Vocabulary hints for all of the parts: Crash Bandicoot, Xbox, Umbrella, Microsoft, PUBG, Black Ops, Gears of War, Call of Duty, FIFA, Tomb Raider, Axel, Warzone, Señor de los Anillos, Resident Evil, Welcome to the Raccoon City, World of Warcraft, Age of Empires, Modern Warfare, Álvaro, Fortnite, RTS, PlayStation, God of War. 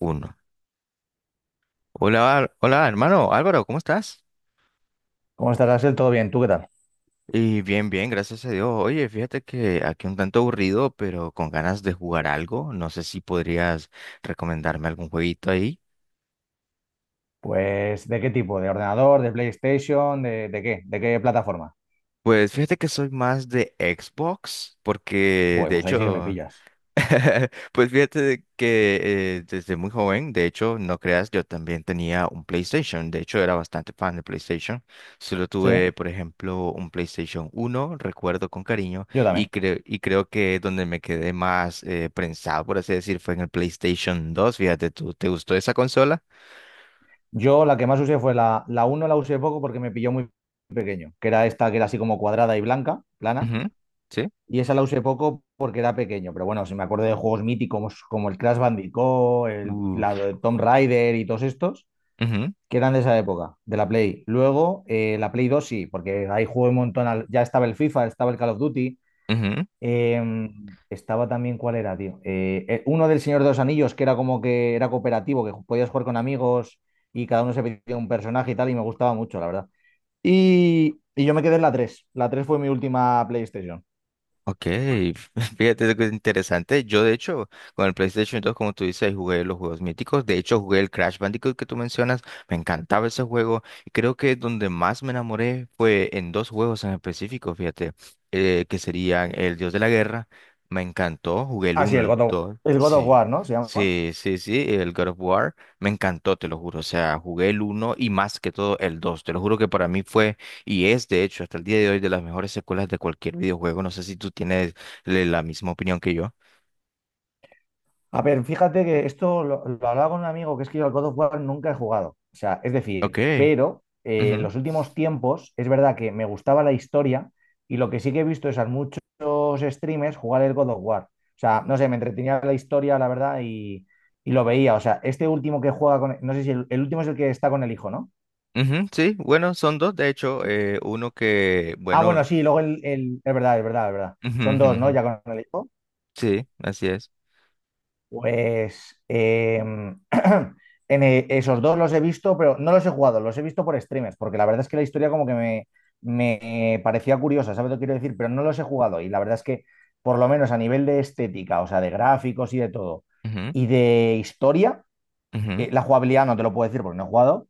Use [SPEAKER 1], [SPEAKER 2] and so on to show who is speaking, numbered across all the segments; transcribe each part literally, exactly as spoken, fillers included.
[SPEAKER 1] Uno. Hola, Al- hola, hermano Álvaro, ¿cómo estás?
[SPEAKER 2] ¿Cómo estás, Axel? ¿Todo bien? ¿Tú qué tal?
[SPEAKER 1] Y bien, bien, gracias a Dios. Oye, fíjate que aquí un tanto aburrido, pero con ganas de jugar algo. No sé si podrías recomendarme algún jueguito ahí.
[SPEAKER 2] Pues, ¿de qué tipo? ¿De ordenador? ¿De PlayStation? ¿De, de qué? ¿De qué plataforma?
[SPEAKER 1] Pues fíjate que soy más de Xbox, porque
[SPEAKER 2] Joder,
[SPEAKER 1] de
[SPEAKER 2] pues ahí sí que me
[SPEAKER 1] hecho.
[SPEAKER 2] pillas.
[SPEAKER 1] Pues fíjate de que eh, desde muy joven, de hecho, no creas, yo también tenía un PlayStation. De hecho, era bastante fan de PlayStation. Solo
[SPEAKER 2] Sí,
[SPEAKER 1] tuve, por ejemplo, un PlayStation uno, recuerdo con cariño,
[SPEAKER 2] yo
[SPEAKER 1] y,
[SPEAKER 2] también.
[SPEAKER 1] creo y creo que donde me quedé más eh, prensado, por así decir, fue en el PlayStation dos. Fíjate, ¿tú te gustó esa consola?
[SPEAKER 2] Yo la que más usé fue la, la uno. La usé poco porque me pilló muy pequeño, que era esta que era así como cuadrada y blanca, plana,
[SPEAKER 1] Ujú, sí.
[SPEAKER 2] y esa la usé poco porque era pequeño, pero bueno, si me acuerdo de juegos míticos como el Crash Bandicoot, el, la
[SPEAKER 1] Uf.
[SPEAKER 2] de Tomb Raider y todos estos,
[SPEAKER 1] Ujú,
[SPEAKER 2] que eran de esa época, de la Play. Luego, eh, la Play dos sí, porque ahí jugué un montón. Al- ya estaba el FIFA, estaba el Call of Duty.
[SPEAKER 1] ujú.
[SPEAKER 2] Em, estaba también, ¿cuál era, tío? Eh, eh, uno del Señor de los Anillos, que era como que era cooperativo, que podías jugar con amigos y cada uno se pedía un personaje y tal, y me gustaba mucho, la verdad. Y, y yo me quedé en la tres. La tres fue mi última PlayStation.
[SPEAKER 1] Ok, fíjate que es interesante. Yo, de hecho, con el PlayStation dos, como tú dices, jugué los juegos míticos. De hecho, jugué el Crash Bandicoot que tú mencionas. Me encantaba ese juego. Y creo que donde más me enamoré fue en dos juegos en específico, fíjate, eh, que serían El Dios de la Guerra. Me encantó. Jugué el
[SPEAKER 2] Ah, sí,
[SPEAKER 1] uno,
[SPEAKER 2] el
[SPEAKER 1] el
[SPEAKER 2] God of-
[SPEAKER 1] dos,
[SPEAKER 2] el God of
[SPEAKER 1] sí,
[SPEAKER 2] War, ¿no? Se llama.
[SPEAKER 1] sí, sí, sí. El God of War. Me encantó, te lo juro. O sea, jugué el uno y más que todo el dos. Te lo juro que para mí fue y es, de hecho, hasta el día de hoy de las mejores secuelas de cualquier videojuego. No sé si tú tienes le- la misma opinión que yo.
[SPEAKER 2] A ver, fíjate que esto lo, lo hablaba con un amigo, que es que yo al God of War nunca he jugado. O sea, es
[SPEAKER 1] Ok.
[SPEAKER 2] decir, pero eh, en
[SPEAKER 1] Ujú,
[SPEAKER 2] los últimos tiempos es verdad que me gustaba la historia, y lo que sí que he visto es a muchos streamers jugar el God of War. O sea, no sé, me entretenía la historia, la verdad, y, y lo veía. O sea, este último que juega con... No sé si el, el último es el que está con el hijo, ¿no?
[SPEAKER 1] ujú, sí, bueno, son dos, de hecho. Eh, uno que,
[SPEAKER 2] Ah, bueno,
[SPEAKER 1] bueno,
[SPEAKER 2] sí, luego el, el- es verdad, es verdad, es verdad.
[SPEAKER 1] ujú,
[SPEAKER 2] Son
[SPEAKER 1] ujú,
[SPEAKER 2] dos, ¿no?
[SPEAKER 1] ujú,
[SPEAKER 2] Ya con el hijo.
[SPEAKER 1] sí, así es.
[SPEAKER 2] Pues em, en e- esos dos los he visto, pero no los he jugado, los he visto por streamers, porque la verdad es que la historia como que me, me parecía curiosa. ¿Sabes lo que quiero decir? Pero no los he jugado y la verdad es que, por lo menos a nivel de estética, o sea, de gráficos y de todo,
[SPEAKER 1] Ujú,
[SPEAKER 2] y de historia,
[SPEAKER 1] ujú.
[SPEAKER 2] eh, la jugabilidad no te lo puedo decir porque no he jugado.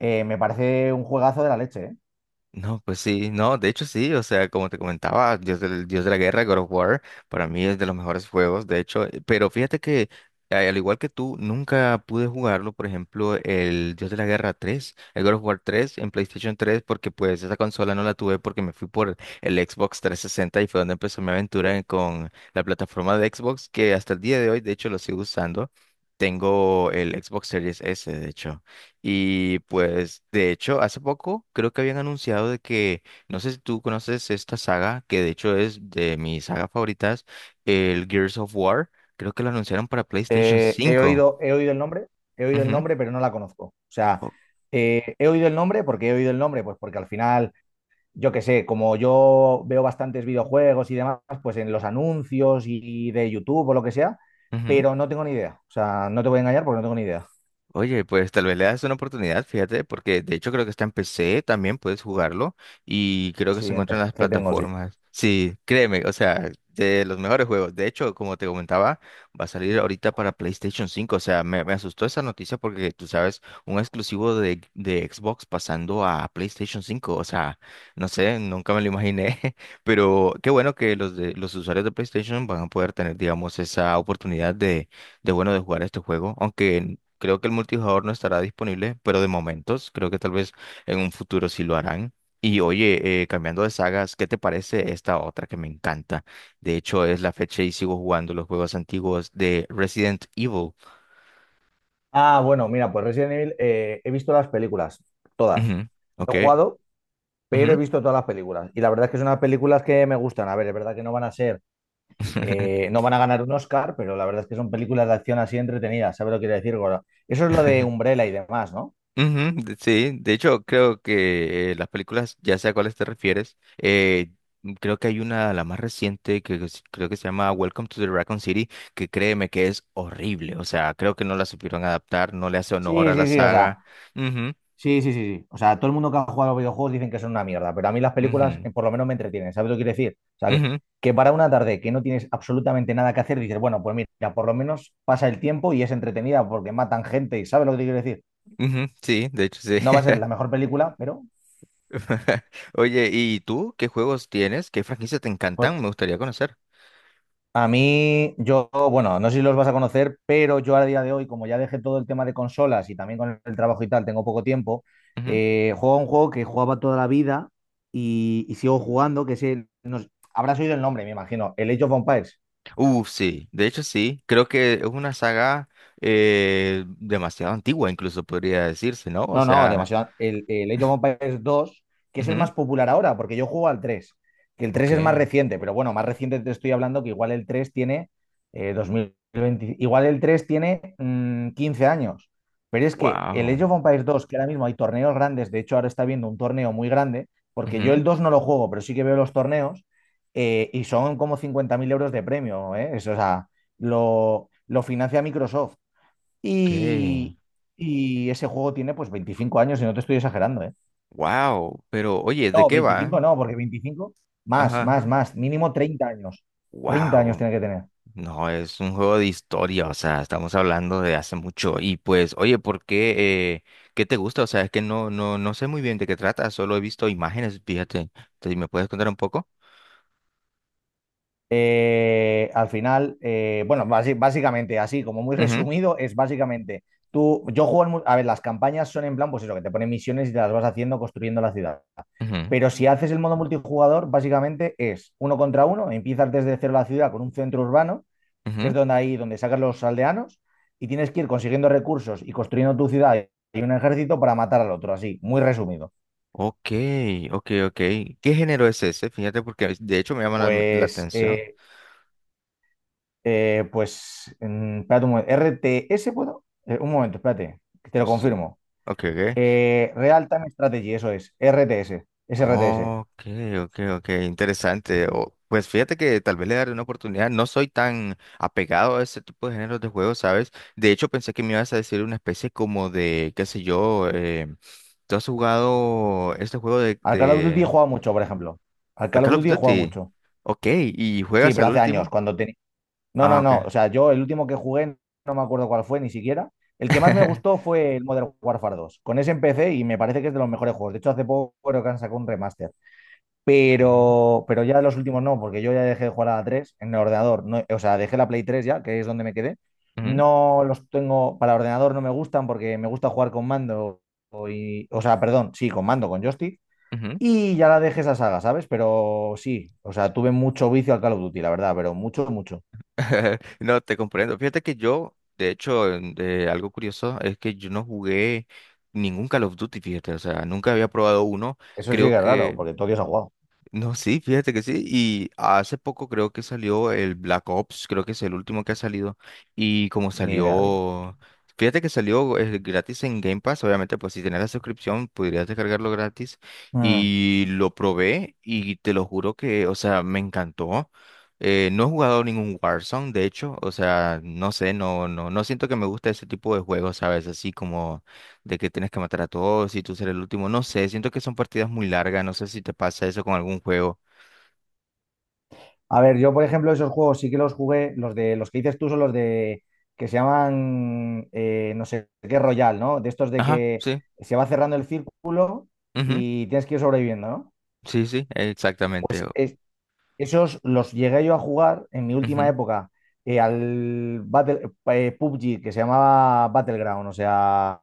[SPEAKER 2] eh, Me parece un juegazo de la leche, ¿eh?
[SPEAKER 1] No, pues sí, no, de hecho sí, o sea, como te comentaba, Dios del, Dios de la Guerra, God of War, para mí es de los mejores juegos, de hecho, eh, pero fíjate que eh, al igual que tú, nunca pude jugarlo, por ejemplo, el Dios de la Guerra tres, el God of War tres, en PlayStation tres, porque pues esa consola no la tuve porque me fui por el Xbox trescientos sesenta y fue donde empezó mi aventura en- con la plataforma de Xbox, que hasta el día de hoy, de hecho, lo sigo usando. Tengo el Xbox Series S, de hecho. Y pues, de hecho, hace poco creo que habían anunciado de que, no sé si tú conoces esta saga, que de hecho es de mis sagas favoritas, el Gears of War, creo que lo anunciaron para PlayStation
[SPEAKER 2] Eh, he
[SPEAKER 1] cinco.
[SPEAKER 2] oído, he oído el nombre, he oído el
[SPEAKER 1] Ujú,
[SPEAKER 2] nombre, pero no la conozco. O sea,
[SPEAKER 1] o-
[SPEAKER 2] eh, he oído el nombre. ¿Porque he oído el nombre? Pues porque al final yo qué sé, como yo veo bastantes videojuegos y demás, pues en los anuncios y de YouTube o lo que sea,
[SPEAKER 1] ujú.
[SPEAKER 2] pero no tengo ni idea. O sea, no te voy a engañar porque no tengo ni idea.
[SPEAKER 1] Oye, pues tal vez le das una oportunidad, fíjate, porque de hecho creo que está en P C, también puedes jugarlo y creo que
[SPEAKER 2] Sí,
[SPEAKER 1] se encuentra en las
[SPEAKER 2] empecé, tengo, sí.
[SPEAKER 1] plataformas. Sí, créeme, o sea, de los mejores juegos. De hecho, como te comentaba, va a salir ahorita para PlayStation cinco, o sea, me, me asustó esa noticia porque tú sabes, un exclusivo de, de Xbox pasando a PlayStation cinco, o sea, no sé, nunca me lo imaginé, pero qué bueno que los, de, los usuarios de PlayStation van a poder tener, digamos, esa oportunidad de de bueno de jugar este juego, aunque creo que el multijugador no estará disponible, pero de momentos, creo que tal vez en un futuro sí lo harán. Y oye, eh, cambiando de sagas, ¿qué te parece esta otra que me encanta? De hecho, es la fecha y sigo jugando los juegos antiguos de Resident Evil.
[SPEAKER 2] Ah, bueno, mira, pues Resident Evil, eh, he visto las películas, todas.
[SPEAKER 1] Ujú,
[SPEAKER 2] No
[SPEAKER 1] ok,
[SPEAKER 2] he jugado, pero he
[SPEAKER 1] ujú.
[SPEAKER 2] visto todas las películas. Y la verdad es que son unas películas que me gustan. A ver, es verdad que no van a ser, eh, no van a ganar un Oscar, pero la verdad es que son películas de acción así entretenidas. ¿Sabes lo que quiero decir, Goro? Eso es lo de Umbrella y demás, ¿no?
[SPEAKER 1] Ujú, de- sí, de hecho creo que eh, las películas, ya sé a cuáles te refieres, eh, creo que hay una, la más reciente, que que s- creo que se llama Welcome to the Raccoon City, que créeme que es horrible, o sea, creo que no la supieron adaptar, no le hace
[SPEAKER 2] Sí,
[SPEAKER 1] honor a la
[SPEAKER 2] sí, sí, o sea,
[SPEAKER 1] saga. Ujú,
[SPEAKER 2] sí, sí, sí, sí. O sea, todo el mundo que ha jugado a los videojuegos dicen que son una mierda, pero a mí las películas,
[SPEAKER 1] ujú,
[SPEAKER 2] eh, por lo menos me entretienen. ¿Sabes lo que quiero decir? O sea, que,
[SPEAKER 1] ujú,
[SPEAKER 2] que para una tarde que no tienes absolutamente nada que hacer, dices, bueno, pues mira, por lo menos pasa el tiempo y es entretenida porque matan gente. Y ¿sabes lo que te quiero decir?
[SPEAKER 1] ujú, sí, de hecho sí.
[SPEAKER 2] No va a ser la mejor película, pero
[SPEAKER 1] Oye, ¿y tú qué juegos tienes? ¿Qué franquicias te
[SPEAKER 2] pues...
[SPEAKER 1] encantan? Me gustaría conocer.
[SPEAKER 2] A mí, yo, bueno, no sé si los vas a conocer, pero yo a día de hoy, como ya dejé todo el tema de consolas y también con el trabajo y tal, tengo poco tiempo, eh, juego a un juego que jugaba toda la vida y, y sigo jugando, que es el, no sé, habrás oído el nombre, me imagino, el Age of Empires.
[SPEAKER 1] Uh, sí, de hecho sí, creo que es una saga eh, demasiado antigua, incluso podría decirse, ¿no? O
[SPEAKER 2] No, no,
[SPEAKER 1] sea,
[SPEAKER 2] demasiado. El, el Age of Empires dos, que es el
[SPEAKER 1] ujú,
[SPEAKER 2] más popular ahora, porque yo juego al tres. Que el tres
[SPEAKER 1] ok,
[SPEAKER 2] es más reciente, pero bueno, más reciente te estoy hablando que igual el tres tiene, eh, dos mil veinte, igual el tres tiene, mm, quince años. Pero es que el
[SPEAKER 1] wow,
[SPEAKER 2] Age of Empires dos, que ahora mismo hay torneos grandes, de hecho ahora está viendo un torneo muy grande, porque yo
[SPEAKER 1] ujú,
[SPEAKER 2] el dos no lo juego, pero sí que veo los torneos, eh, y son como cincuenta mil euros de premio, ¿eh? Eso, o sea, lo, lo financia Microsoft.
[SPEAKER 1] ok,
[SPEAKER 2] Y, y ese juego tiene pues veinticinco años y no te estoy exagerando, ¿eh?
[SPEAKER 1] wow, pero oye,
[SPEAKER 2] No,
[SPEAKER 1] ¿de qué va?
[SPEAKER 2] veinticinco no, porque veinticinco más,
[SPEAKER 1] Ajá,
[SPEAKER 2] más,
[SPEAKER 1] ajá,
[SPEAKER 2] más, mínimo treinta años. Treinta años
[SPEAKER 1] wow,
[SPEAKER 2] tiene que tener.
[SPEAKER 1] no, es un juego de historia, o sea, estamos hablando de hace mucho y pues, oye, ¿por qué, eh, qué te gusta? O sea, es que no, no, no sé muy bien de qué trata, solo he visto imágenes, fíjate, entonces, ¿me puedes contar un poco?
[SPEAKER 2] Eh, al final, eh, bueno, basi- básicamente, así como muy
[SPEAKER 1] Ujú,
[SPEAKER 2] resumido, es básicamente, tú, yo juego, al mu- a ver, las campañas son en plan, pues eso, que te ponen misiones y te las vas haciendo construyendo la ciudad.
[SPEAKER 1] ujú,
[SPEAKER 2] Pero si haces el modo multijugador, básicamente es uno contra uno, empiezas desde cero la ciudad con un centro urbano, que es
[SPEAKER 1] ujú.
[SPEAKER 2] donde ahí donde sacan los aldeanos, y tienes que ir consiguiendo recursos y construyendo tu ciudad y un ejército para matar al otro, así, muy resumido.
[SPEAKER 1] Ok, ok, ok. ¿Qué género es ese? Fíjate porque de hecho me llama la, la
[SPEAKER 2] Pues,
[SPEAKER 1] atención.
[SPEAKER 2] eh, eh, pues, mm, espérate un momento, R T S, ¿puedo? Eh, un momento, espérate, que te lo
[SPEAKER 1] Sí.
[SPEAKER 2] confirmo.
[SPEAKER 1] Ok, ok.
[SPEAKER 2] Eh, Real Time Strategy, eso es, R T S, es R T S.
[SPEAKER 1] Ok, ok, ok. Interesante. O- pues fíjate que tal vez le daré una oportunidad. No soy tan apegado a ese tipo de géneros de juegos, ¿sabes? De hecho pensé que me ibas a decir una especie como de, qué sé yo, eh, ¿tú has jugado este juego de,
[SPEAKER 2] Al Call of Duty he
[SPEAKER 1] de
[SPEAKER 2] jugado mucho, por ejemplo. Al
[SPEAKER 1] a
[SPEAKER 2] Call of
[SPEAKER 1] Call of
[SPEAKER 2] Duty he jugado
[SPEAKER 1] Duty?
[SPEAKER 2] mucho.
[SPEAKER 1] Ok, ¿y
[SPEAKER 2] Sí,
[SPEAKER 1] juegas
[SPEAKER 2] pero
[SPEAKER 1] al
[SPEAKER 2] hace años,
[SPEAKER 1] último?
[SPEAKER 2] cuando tenía... No,
[SPEAKER 1] Ah,
[SPEAKER 2] no,
[SPEAKER 1] ok.
[SPEAKER 2] no. O sea, yo el último que jugué, no me acuerdo cuál fue ni siquiera. El que más me gustó fue el Modern Warfare dos. Con ese empecé y me parece que es de los mejores juegos. De hecho, hace poco creo que han sacado un remaster.
[SPEAKER 1] Ok.
[SPEAKER 2] Pero, pero ya los últimos no, porque yo ya dejé de jugar a la tres en el ordenador. No, o sea, dejé la Play tres ya, que es donde me quedé.
[SPEAKER 1] Ujú,
[SPEAKER 2] No los tengo para ordenador, no me gustan porque me gusta jugar con mando. Y, o sea, perdón, sí, con mando, con joystick.
[SPEAKER 1] ujú.
[SPEAKER 2] Y ya la dejé esa saga, ¿sabes? Pero sí, o sea, tuve mucho vicio al Call of Duty, la verdad, pero mucho, mucho.
[SPEAKER 1] No, te comprendo. Fíjate que yo, de hecho, en- de algo curioso es que yo no jugué ningún Call of Duty, fíjate, o sea, nunca había probado uno.
[SPEAKER 2] Eso sí que
[SPEAKER 1] Creo
[SPEAKER 2] es raro,
[SPEAKER 1] que
[SPEAKER 2] porque todo Dios ha jugado.
[SPEAKER 1] no, sí, fíjate que sí. Y hace poco creo que salió el Black Ops, creo que es el último que ha salido. Y como
[SPEAKER 2] Ni idea, tío.
[SPEAKER 1] salió, fíjate que salió eh, gratis en Game Pass, obviamente, pues si tenés la suscripción podrías descargarlo gratis.
[SPEAKER 2] Mm.
[SPEAKER 1] Y lo probé y te lo juro que, o sea, me encantó. Eh, no he jugado ningún Warzone, de hecho, o sea, no sé, no, no, no siento que me gusta ese tipo de juegos, ¿sabes? Así como de que tienes que matar a todos y tú ser el último. No sé, siento que son partidas muy largas, no sé si te pasa eso con algún juego.
[SPEAKER 2] A ver, yo, por ejemplo, esos juegos sí que los jugué. Los de los que dices tú son los de que se llaman, eh, no sé qué Royal, ¿no? De estos de
[SPEAKER 1] Ajá,
[SPEAKER 2] que
[SPEAKER 1] sí.
[SPEAKER 2] se va cerrando el círculo
[SPEAKER 1] Ujú,
[SPEAKER 2] y tienes que ir sobreviviendo, ¿no?
[SPEAKER 1] sí, sí, exactamente.
[SPEAKER 2] Pues
[SPEAKER 1] O-
[SPEAKER 2] es- esos los llegué yo a jugar en mi última
[SPEAKER 1] ujú,
[SPEAKER 2] época, eh, al Battle- eh, P U B G, que se llamaba Battleground, o sea,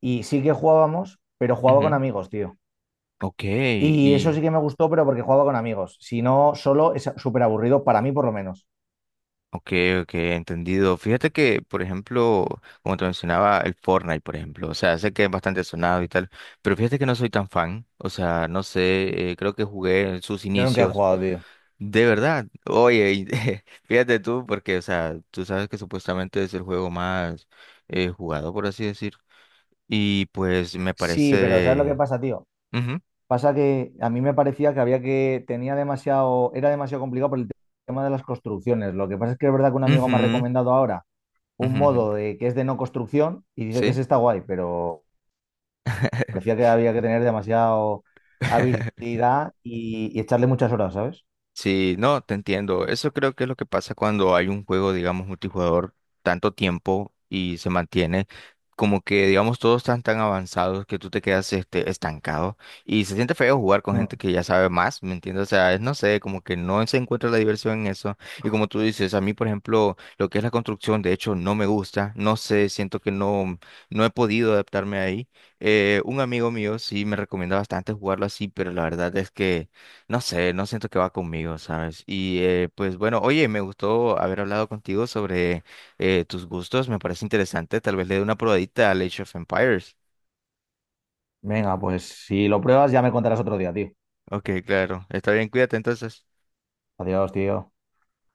[SPEAKER 2] y sí que jugábamos, pero jugaba con
[SPEAKER 1] ujú.
[SPEAKER 2] amigos, tío.
[SPEAKER 1] Ok,
[SPEAKER 2] Y eso sí
[SPEAKER 1] y...
[SPEAKER 2] que me gustó, pero porque jugaba con amigos. Si no, solo es súper aburrido, para mí por lo menos.
[SPEAKER 1] Ok, ok, entendido. Fíjate que, por ejemplo, como te mencionaba, el Fortnite, por ejemplo, o sea, sé que es bastante sonado y tal, pero fíjate que no soy tan fan, o sea, no sé, eh, creo que jugué en sus
[SPEAKER 2] Yo nunca he
[SPEAKER 1] inicios.
[SPEAKER 2] jugado, tío.
[SPEAKER 1] De verdad, oye, y fíjate tú, porque, o sea, tú sabes que supuestamente es el juego más eh, jugado, por así decir, y pues me
[SPEAKER 2] Sí, pero ¿sabes lo que
[SPEAKER 1] parece...
[SPEAKER 2] pasa, tío?
[SPEAKER 1] Ujú,
[SPEAKER 2] Pasa que a mí me parecía que había que, tenía demasiado, era demasiado complicado por el tema de las construcciones. Lo que pasa es que es verdad que un amigo me ha
[SPEAKER 1] ujú,
[SPEAKER 2] recomendado ahora un
[SPEAKER 1] ujú, ujú,
[SPEAKER 2] modo de, que es de no construcción, y dice que
[SPEAKER 1] ¿sí?
[SPEAKER 2] ese está guay, pero parecía que había que tener demasiado habilidad y, y echarle muchas horas, ¿sabes?
[SPEAKER 1] Sí, no, te entiendo. Eso creo que es lo que pasa cuando hay un juego, digamos, multijugador tanto tiempo y se mantiene como que, digamos, todos están tan avanzados que tú te quedas este, estancado y se siente feo jugar con gente
[SPEAKER 2] Mm.
[SPEAKER 1] que ya sabe más, ¿me entiendes? O sea, es, no sé, como que no se encuentra la diversión en eso. Y como tú dices, a mí, por ejemplo, lo que es la construcción, de hecho, no me gusta, no sé, siento que no, no he podido adaptarme ahí. Eh, un amigo mío sí me recomienda bastante jugarlo así, pero la verdad es que... No sé, no siento que va conmigo, ¿sabes? Y eh, pues bueno, oye, me gustó haber hablado contigo sobre eh, tus gustos, me parece interesante, tal vez le dé una probadita al Age of Empires.
[SPEAKER 2] Venga, pues si lo pruebas ya me contarás otro día, tío.
[SPEAKER 1] Ok, claro, está bien, cuídate entonces.
[SPEAKER 2] Adiós, tío.